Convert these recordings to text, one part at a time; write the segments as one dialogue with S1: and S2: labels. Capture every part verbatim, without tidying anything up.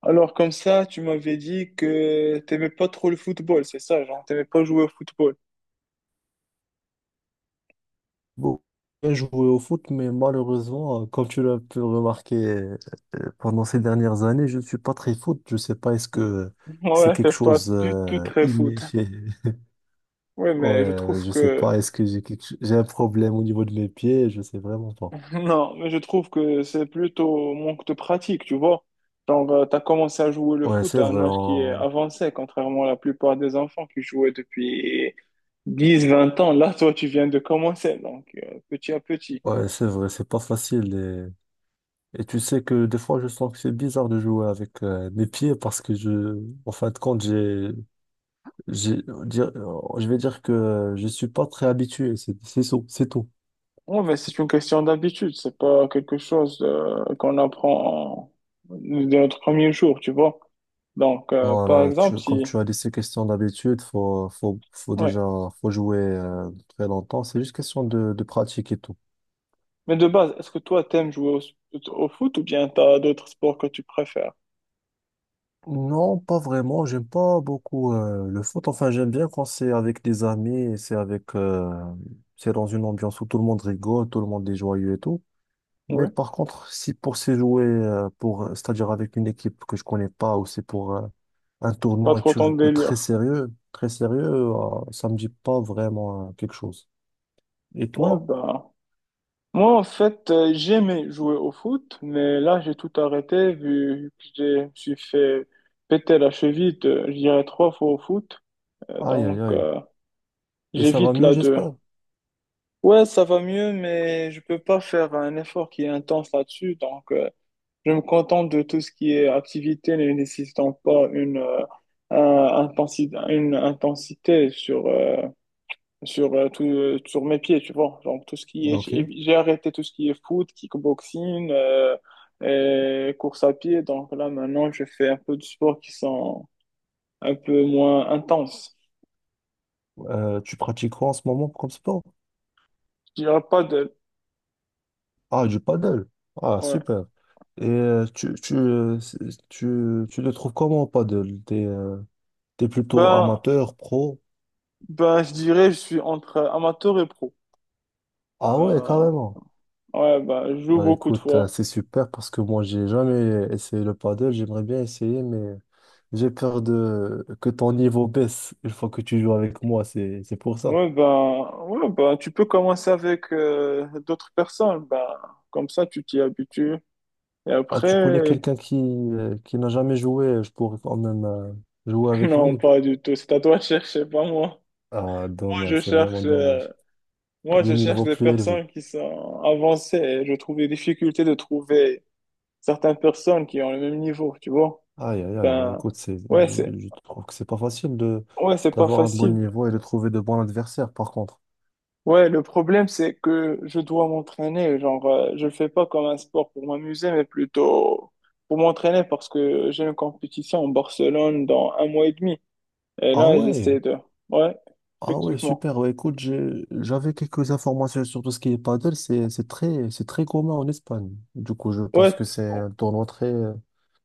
S1: Alors comme ça, tu m'avais dit que t'aimais pas trop le football, c'est ça, genre t'aimais pas jouer au football.
S2: Bon. J'ai joué au foot, mais malheureusement, euh, comme tu l'as pu le remarquer euh, euh, pendant ces dernières années, je ne suis pas très foot. Je ne sais pas, est-ce que c'est
S1: Ouais,
S2: quelque
S1: t'es pas
S2: chose
S1: du tout
S2: euh,
S1: très
S2: inné
S1: foot.
S2: chez...
S1: Ouais, mais je
S2: Ouais,
S1: trouve
S2: je sais
S1: que
S2: pas, est-ce que j'ai quelque... cho- j'ai un problème au niveau de mes pieds? Je sais vraiment pas.
S1: non, mais je trouve que c'est plutôt manque de pratique, tu vois. Genre euh, t'as commencé à jouer le
S2: Ouais,
S1: foot
S2: c'est
S1: à un
S2: vrai,
S1: âge qui est
S2: on-
S1: avancé, contrairement à la plupart des enfants qui jouaient depuis dix, vingt ans. Là, toi, tu viens de commencer, donc euh, petit à petit.
S2: ouais, c'est vrai, c'est pas facile. Et... et tu sais que des fois, je sens que c'est bizarre de jouer avec euh, mes pieds parce que je, en fin de compte, j'ai J'ai- dire- euh, je vais dire que euh, je suis pas très habitué, c'est c'est tout, c'est tout.
S1: Oui, mais c'est une question d'habitude, c'est pas quelque chose euh, qu'on apprend en- dès notre premier jour, tu vois. Donc, euh, par
S2: Voilà,
S1: exemple,
S2: tu, comme
S1: si...
S2: tu as dit, c'est question d'habitude, faut, faut, faut déjà,
S1: Ouais.
S2: faut jouer euh, très longtemps, c'est juste question de, de pratique et tout.
S1: Mais de base, est-ce que toi, t'aimes jouer au, s- au foot ou bien t'as d'autres sports que tu préfères?
S2: Non, pas vraiment, j'aime pas beaucoup euh, le foot, enfin j'aime bien quand c'est avec des amis, et c'est avec, euh, c'est dans une ambiance où tout le monde rigole, tout le monde est joyeux et tout. Mais
S1: Oui,
S2: par contre, si pour se jouer, euh, pour, c'est-à-dire avec une équipe que je connais pas, ou c'est pour, euh, un
S1: pas
S2: tournoi, quelque
S1: trop ton
S2: chose de très
S1: délire.
S2: sérieux, très sérieux, euh, ça me dit pas vraiment euh, quelque chose. Et
S1: Ouais,
S2: toi?
S1: ben... Moi, en fait, euh, j'aimais jouer au foot, mais là, j'ai tout arrêté vu que j'ai- je me suis fait péter la cheville, de, je dirais, trois fois au foot. Euh,
S2: Aïe, aïe,
S1: donc,
S2: aïe.
S1: euh,
S2: Et ça va
S1: j'évite
S2: mieux,
S1: là de...
S2: j'espère.
S1: Ouais, ça va mieux, mais je peux pas faire un effort qui est intense là-dessus. Donc, euh, je me contente de tout ce qui est activité ne nécessitant pas une, euh, un- intensi- une intensité sur, euh, sur, euh, tout, euh, sur mes pieds, tu vois. Donc, tout ce qui est,
S2: Ok.
S1: j'ai j'ai arrêté tout ce qui est foot, kickboxing, euh, et course à pied. Donc, là, maintenant, je fais un peu de sports qui sont un peu moins intenses.
S2: Euh, tu pratiques quoi en ce moment comme sport?
S1: Je dirais pas de,
S2: Ah, du paddle. Ah,
S1: ouais.
S2: super. Et euh, tu, tu, euh, c'est- tu, tu le trouves comment au paddle? T'es, euh, t'es plutôt
S1: Ben,
S2: amateur, pro?
S1: ben, je dirais, je suis entre amateur et pro.
S2: Ah ouais,
S1: Bah,
S2: carrément.
S1: ouais, bah, je joue
S2: Bah
S1: beaucoup de
S2: écoute, euh,
S1: fois.
S2: c'est super parce que moi j'ai jamais essayé le paddle, j'aimerais bien essayer, mais j'ai peur de que ton niveau baisse une fois que tu joues avec moi, c'est c'est pour ça.
S1: Ouais, bah, ouais, bah, tu peux commencer avec euh, d'autres personnes. Bah, comme ça, tu t'y habitues. Et
S2: Ah, tu connais
S1: après,
S2: quelqu'un qui, euh, qui n'a jamais joué, je pourrais quand même euh, jouer avec
S1: non,
S2: lui.
S1: pas du tout. C'est à toi de chercher, pas moi.
S2: Ah,
S1: Moi,
S2: dommage,
S1: je
S2: c'est vraiment
S1: cherche, euh,
S2: dommage.
S1: moi,
S2: Des
S1: je cherche
S2: niveaux
S1: des
S2: plus élevés.
S1: personnes qui sont avancées. Et je trouve des difficultés de trouver certaines personnes qui ont le même niveau, tu vois.
S2: Aïe, aïe, aïe, bah écoute, c'est,
S1: Ouais, c'est,
S2: je, je trouve que c'est pas facile de
S1: ouais, c'est pas
S2: d'avoir un bon
S1: facile.
S2: niveau et de trouver de bons adversaires, par contre.
S1: Ouais, le problème, c'est que je dois m'entraîner. Genre, euh, je le fais pas comme un sport pour m'amuser, mais plutôt pour m'entraîner parce que j'ai une compétition en Barcelone dans un mois et demi. Et
S2: Ah
S1: là,
S2: ouais.
S1: j'essaie de. Ouais,
S2: Ah ouais,
S1: effectivement.
S2: super. Ouais, écoute, j'ai- j'avais quelques informations sur tout ce qui est paddle. C'est, c'est très, c'est très commun en Espagne. Du coup, je pense
S1: Ouais,
S2: que c'est un tournoi très,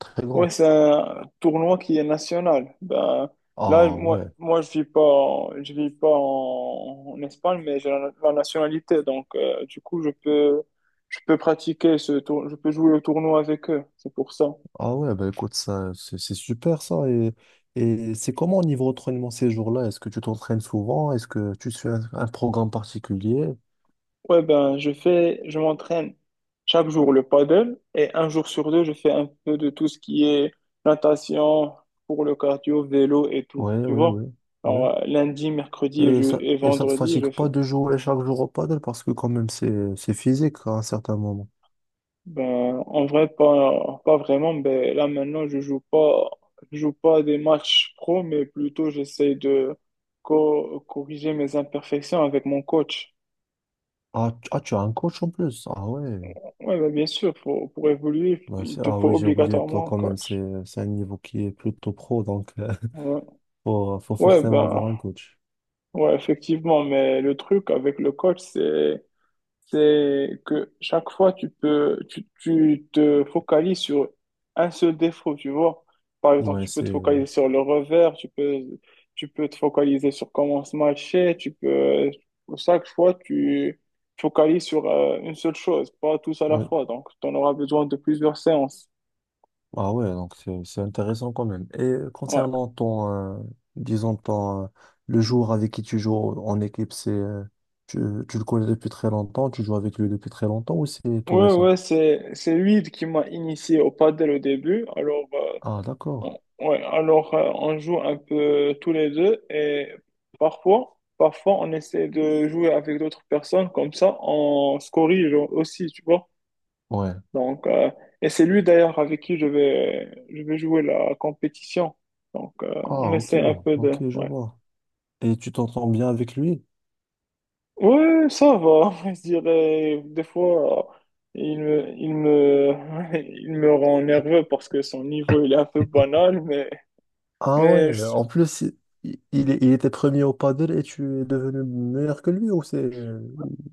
S2: très
S1: ouais,
S2: grand.
S1: c'est un tournoi qui est national. Ben, là,
S2: Ah ouais.
S1: moi, moi, je vis pas, en- je vis pas en, en Espagne, mais j'ai la, la nationalité. Donc, euh, du coup, je peux, je peux pratiquer ce tour, je peux jouer au tournoi avec eux. C'est pour ça.
S2: Ah ouais, bah écoute, ça, c'est c'est super ça. Et, et c'est comment au niveau entraînement ces jours-là? Est-ce que tu t'entraînes souvent? Est-ce que tu suis un, un programme particulier?
S1: Ouais, ben, je fais, je m'entraîne chaque jour le paddle et un jour sur deux, je fais un peu de tout ce qui est natation pour le cardio, vélo et tout.
S2: Ouais,
S1: Tu
S2: ouais,
S1: vois?
S2: ouais,
S1: Alors,
S2: ouais.
S1: euh, lundi, mercredi et,
S2: Et
S1: je-
S2: ça,
S1: et
S2: et ça te
S1: vendredi,
S2: fatigue
S1: je
S2: pas
S1: fais.
S2: de jouer chaque jour au paddle parce que quand même, c'est, c'est physique à un certain moment.
S1: Ben, en vrai, pas, pas vraiment. Ben, là, maintenant, je joue pas, je joue pas des matchs pro, mais plutôt, j'essaie de co- corriger mes imperfections avec mon coach.
S2: Ah, tu ah, tu as un coach en plus. Ah ouais.
S1: Ouais, ben, bien sûr, pour, pour évoluer,
S2: Bah,
S1: il
S2: c'est-
S1: te
S2: ah
S1: faut
S2: oui, j'ai oublié, toi
S1: obligatoirement un
S2: quand même,
S1: coach.
S2: c'est c'est un niveau qui est plutôt pro, donc euh,
S1: Ouais.
S2: faut, faut
S1: Ouais,
S2: forcément
S1: ben,
S2: avoir un coach.
S1: ouais, effectivement, mais le truc avec le coach, c'est, c'est que chaque fois, tu peux, tu, tu te focalises sur un seul défaut, tu vois. Par exemple,
S2: Ouais,
S1: tu peux
S2: c'est...
S1: te
S2: euh,
S1: focaliser sur le revers, tu peux, tu peux te focaliser sur comment se matcher, tu peux, chaque fois, tu focalises sur euh, une seule chose, pas tous à la
S2: oui.
S1: fois. Donc, tu en auras besoin de plusieurs séances.
S2: Ah ouais, donc c'est c'est intéressant quand même. Et
S1: Ouais.
S2: concernant ton, euh, disons, ton, euh, le joueur avec qui tu joues en équipe, c'est, euh, tu, tu le connais depuis très longtemps, tu joues avec lui depuis très longtemps ou c'est tout
S1: Ouais,
S2: récent?
S1: ouais, c'est, c'est lui qui m'a initié au padel au début. Alors, euh,
S2: Ah d'accord.
S1: Ouais, alors euh, on joue un peu tous les deux et parfois, parfois on essaie de jouer avec d'autres personnes, comme ça on se corrige aussi, tu vois.
S2: Ouais.
S1: Donc, euh, et c'est lui d'ailleurs avec qui je vais, je vais jouer la compétition. Donc, euh, on
S2: Ah ok,
S1: essaie un peu de.
S2: ok, je
S1: Ouais,
S2: vois. Et tu t'entends bien avec lui?
S1: ouais ça va, je dirais. Des fois, euh, il me, il me, il me rend nerveux parce que son niveau il est un peu banal, mais.
S2: Ah
S1: Mais
S2: ouais,
S1: je
S2: en plus, i- il, il était premier au paddle et tu es devenu meilleur que lui ou c'est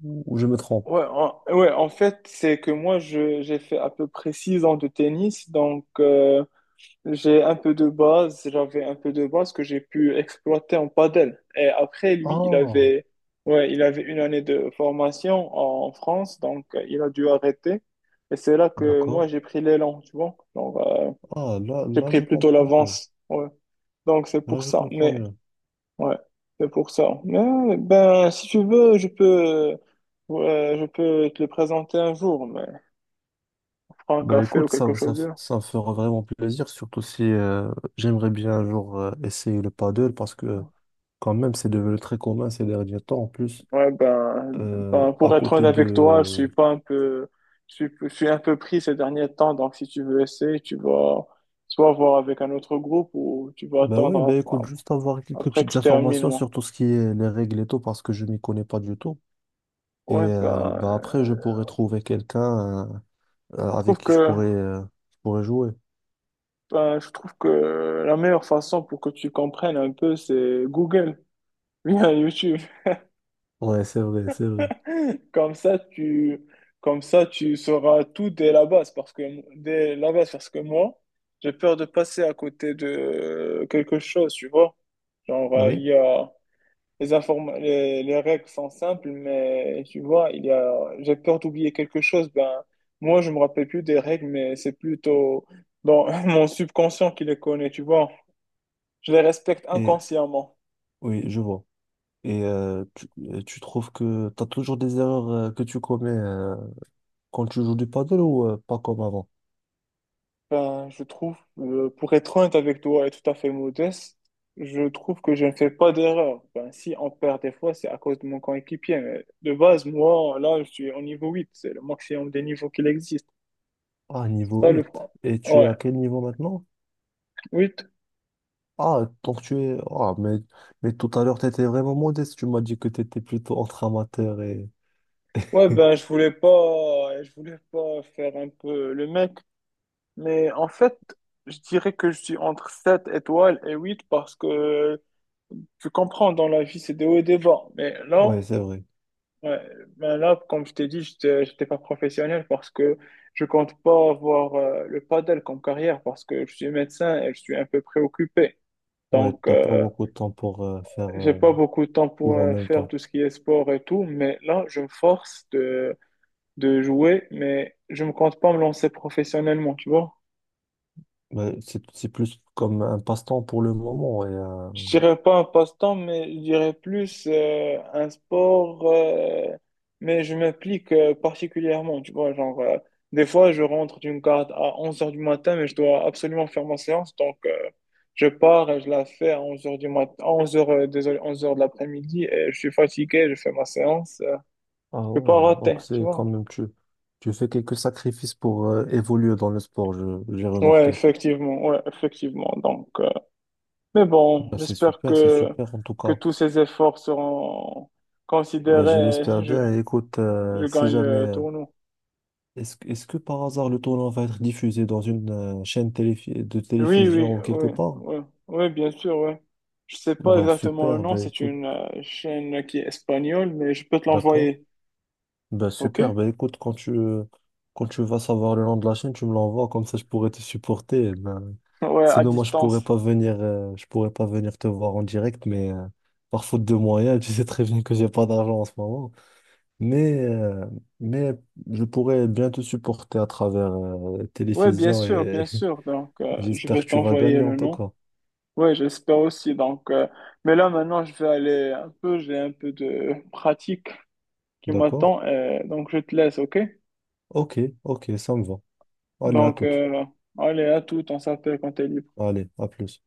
S2: ou, ou je me trompe?
S1: ouais, en, ouais, en fait, c'est que moi, je, j'ai fait à peu près six ans de tennis, donc euh, j'ai un peu de base, j'avais un peu de base que j'ai pu exploiter en padel. Et après, lui, il
S2: Ah,
S1: avait, ouais, il avait une année de formation en France, donc euh, il a dû arrêter. Et c'est là que moi,
S2: d'accord.
S1: j'ai pris l'élan, tu vois. Donc, euh,
S2: Ah, là,
S1: j'ai
S2: là,
S1: pris
S2: je
S1: plutôt
S2: comprends mieux.
S1: l'avance, ouais. Donc, c'est
S2: Là,
S1: pour
S2: je
S1: ça.
S2: comprends
S1: Mais
S2: mieux.
S1: ouais, c'est pour ça. Mais ben, si tu veux, je peux, ouais, je peux te le présenter un jour, mais prends un
S2: Bah
S1: café ou
S2: écoute, ça,
S1: quelque
S2: ça,
S1: chose du genre.
S2: ça me fera vraiment plaisir, surtout si euh, j'aimerais bien un jour euh, essayer le paddle parce que quand même, c'est devenu très commun ces derniers temps. En plus,
S1: Ouais, ben,
S2: euh,
S1: ben,
S2: à
S1: pour être honnête
S2: côté
S1: avec toi, je suis
S2: de...
S1: pas un peu, je suis, je suis un peu pris ces derniers temps. Donc, si tu veux essayer, tu vas soit voir avec un autre groupe ou tu vas
S2: Bah oui,
S1: attendre
S2: bah écoute,
S1: ap-
S2: juste avoir quelques
S1: après que
S2: petites
S1: je termine,
S2: informations
S1: moi.
S2: sur tout ce qui est les règles et tout parce que je m'y connais pas du tout. Et
S1: Ouais, ben,
S2: euh, bah après, je pourrais
S1: euh,
S2: trouver quelqu'un euh, euh,
S1: je
S2: avec
S1: trouve
S2: qui je
S1: que,
S2: pourrais, euh, je pourrais jouer.
S1: ben, je trouve que la meilleure façon pour que tu comprennes un peu, c'est Google, via YouTube.
S2: Ouais, c'est vrai, c'est vrai.
S1: Comme ça, tu, comme ça, tu sauras tout dès la base, parce que dès la base, parce que moi, j'ai peur de passer à côté de quelque chose, tu vois. Genre, euh, il
S2: Oui.
S1: y a les informa- les, les règles sont simples, mais tu vois, il y a, j'ai peur d'oublier quelque chose. Ben, moi, je me rappelle plus des règles, mais c'est plutôt dans mon subconscient qui les connaît, tu vois. Je les respecte
S2: Et
S1: inconsciemment.
S2: oui, je vois. Et euh, tu, euh, tu trouves que tu as toujours des erreurs euh, que tu commets euh, quand tu joues du paddle ou euh, pas comme avant?
S1: Ben, je trouve, euh, pour être honnête avec toi et tout à fait modeste, je trouve que je ne fais pas d'erreur. Ben, si on perd des fois, c'est à cause de mon coéquipier. Mais de base, moi, là, je suis au niveau huit. C'est le maximum des niveaux qu'il existe.
S2: Ah,
S1: C'est
S2: niveau
S1: ça le
S2: huit.
S1: point.
S2: Et tu es
S1: Ouais,
S2: à quel niveau maintenant?
S1: huit.
S2: Ah, donc tu es... Ah, mais, mais tout à l'heure, tu étais vraiment modeste. Tu m'as dit que tu étais plutôt entre amateur et...
S1: Ouais, ben, je voulais pas, je voulais pas faire un peu le mec. Mais en fait, je dirais que je suis entre sept étoiles et huit parce que tu comprends, dans la vie, c'est des hauts et des bas. Mais là,
S2: Ouais, c'est vrai.
S1: ouais, ben là, comme je t'ai dit, je n'étais pas professionnel parce que je compte pas avoir euh, le padel comme carrière parce que je suis médecin et je suis un peu préoccupé.
S2: Ouais,
S1: Donc,
S2: t'as pas
S1: euh,
S2: beaucoup de temps pour euh, faire
S1: j'ai
S2: euh,
S1: pas beaucoup de temps pour
S2: tout en
S1: euh,
S2: même
S1: faire
S2: temps.
S1: tout ce qui est sport et tout, mais là, je me force de, de jouer, mais je ne compte pas me lancer professionnellement, tu vois.
S2: Ben, c'est, c'est plus comme un passe-temps pour le moment. Et, euh,
S1: Je dirais pas un passe-temps, mais je dirais plus euh, un sport. Euh, mais je m'implique euh, particulièrement, tu vois. Genre, euh, des fois, je rentre d'une carte à onze heures du matin, mais je dois absolument faire ma séance. Donc, euh, je pars et je la fais à onze heures du matin, onze heures, euh, désolé, onze heures de l'après-midi. Et je suis fatigué, je fais ma séance. euh, je
S2: ah
S1: peux
S2: ouais,
S1: pas rater,
S2: donc
S1: tu
S2: c'est quand
S1: vois.
S2: même, tu, tu fais quelques sacrifices pour euh, évoluer dans le sport, je, j'ai
S1: Ouais,
S2: remarqué.
S1: effectivement, ouais, effectivement. Donc, euh, mais bon,
S2: Bah c'est
S1: j'espère
S2: super, c'est
S1: que,
S2: super en tout
S1: que
S2: cas.
S1: tous ces efforts seront
S2: Bah je
S1: considérés.
S2: l'espère bien. Et écoute, euh,
S1: Je
S2: si
S1: gagne
S2: jamais,
S1: le
S2: euh,
S1: tournoi.
S2: est-ce, que- est-ce que par hasard le tournoi va être diffusé dans une euh, chaîne téléfi- de
S1: Oui, oui,
S2: télévision ou quelque
S1: oui,
S2: part?
S1: oui, oui, bien sûr, oui. Je sais pas
S2: Bah
S1: exactement le
S2: super,
S1: nom,
S2: bah
S1: c'est
S2: écoute,
S1: une euh, chaîne qui est espagnole, mais je peux te
S2: d'accord.
S1: l'envoyer,
S2: Ben
S1: ok?
S2: super, ben écoute, quand tu, quand tu vas savoir le nom de la chaîne, tu me l'envoies, comme ça je pourrais te supporter. Eh ben,
S1: Ouais, à
S2: sinon, moi, je pourrais
S1: distance.
S2: pas venir, euh, je pourrais pas venir te voir en direct, mais euh, par faute de moyens, tu sais très bien que j'ai pas d'argent en ce moment. Mais, euh, mais je pourrais bien te supporter à travers euh,
S1: Oui, bien
S2: télévision
S1: sûr, bien
S2: et
S1: sûr. Donc, euh, je
S2: j'espère
S1: vais
S2: que tu vas
S1: t'envoyer
S2: gagner en
S1: le
S2: tout
S1: nom.
S2: cas.
S1: Oui, j'espère aussi. Donc, euh, mais là, maintenant, je vais aller un peu, j'ai un peu de pratique qui
S2: D'accord?
S1: m'attend, euh, donc je te laisse, ok?
S2: Ok, ok, ça me va. Allez, à
S1: Donc,
S2: toute.
S1: euh, allez, à tout, on s'appelle quand t'es libre.
S2: Allez, à plus.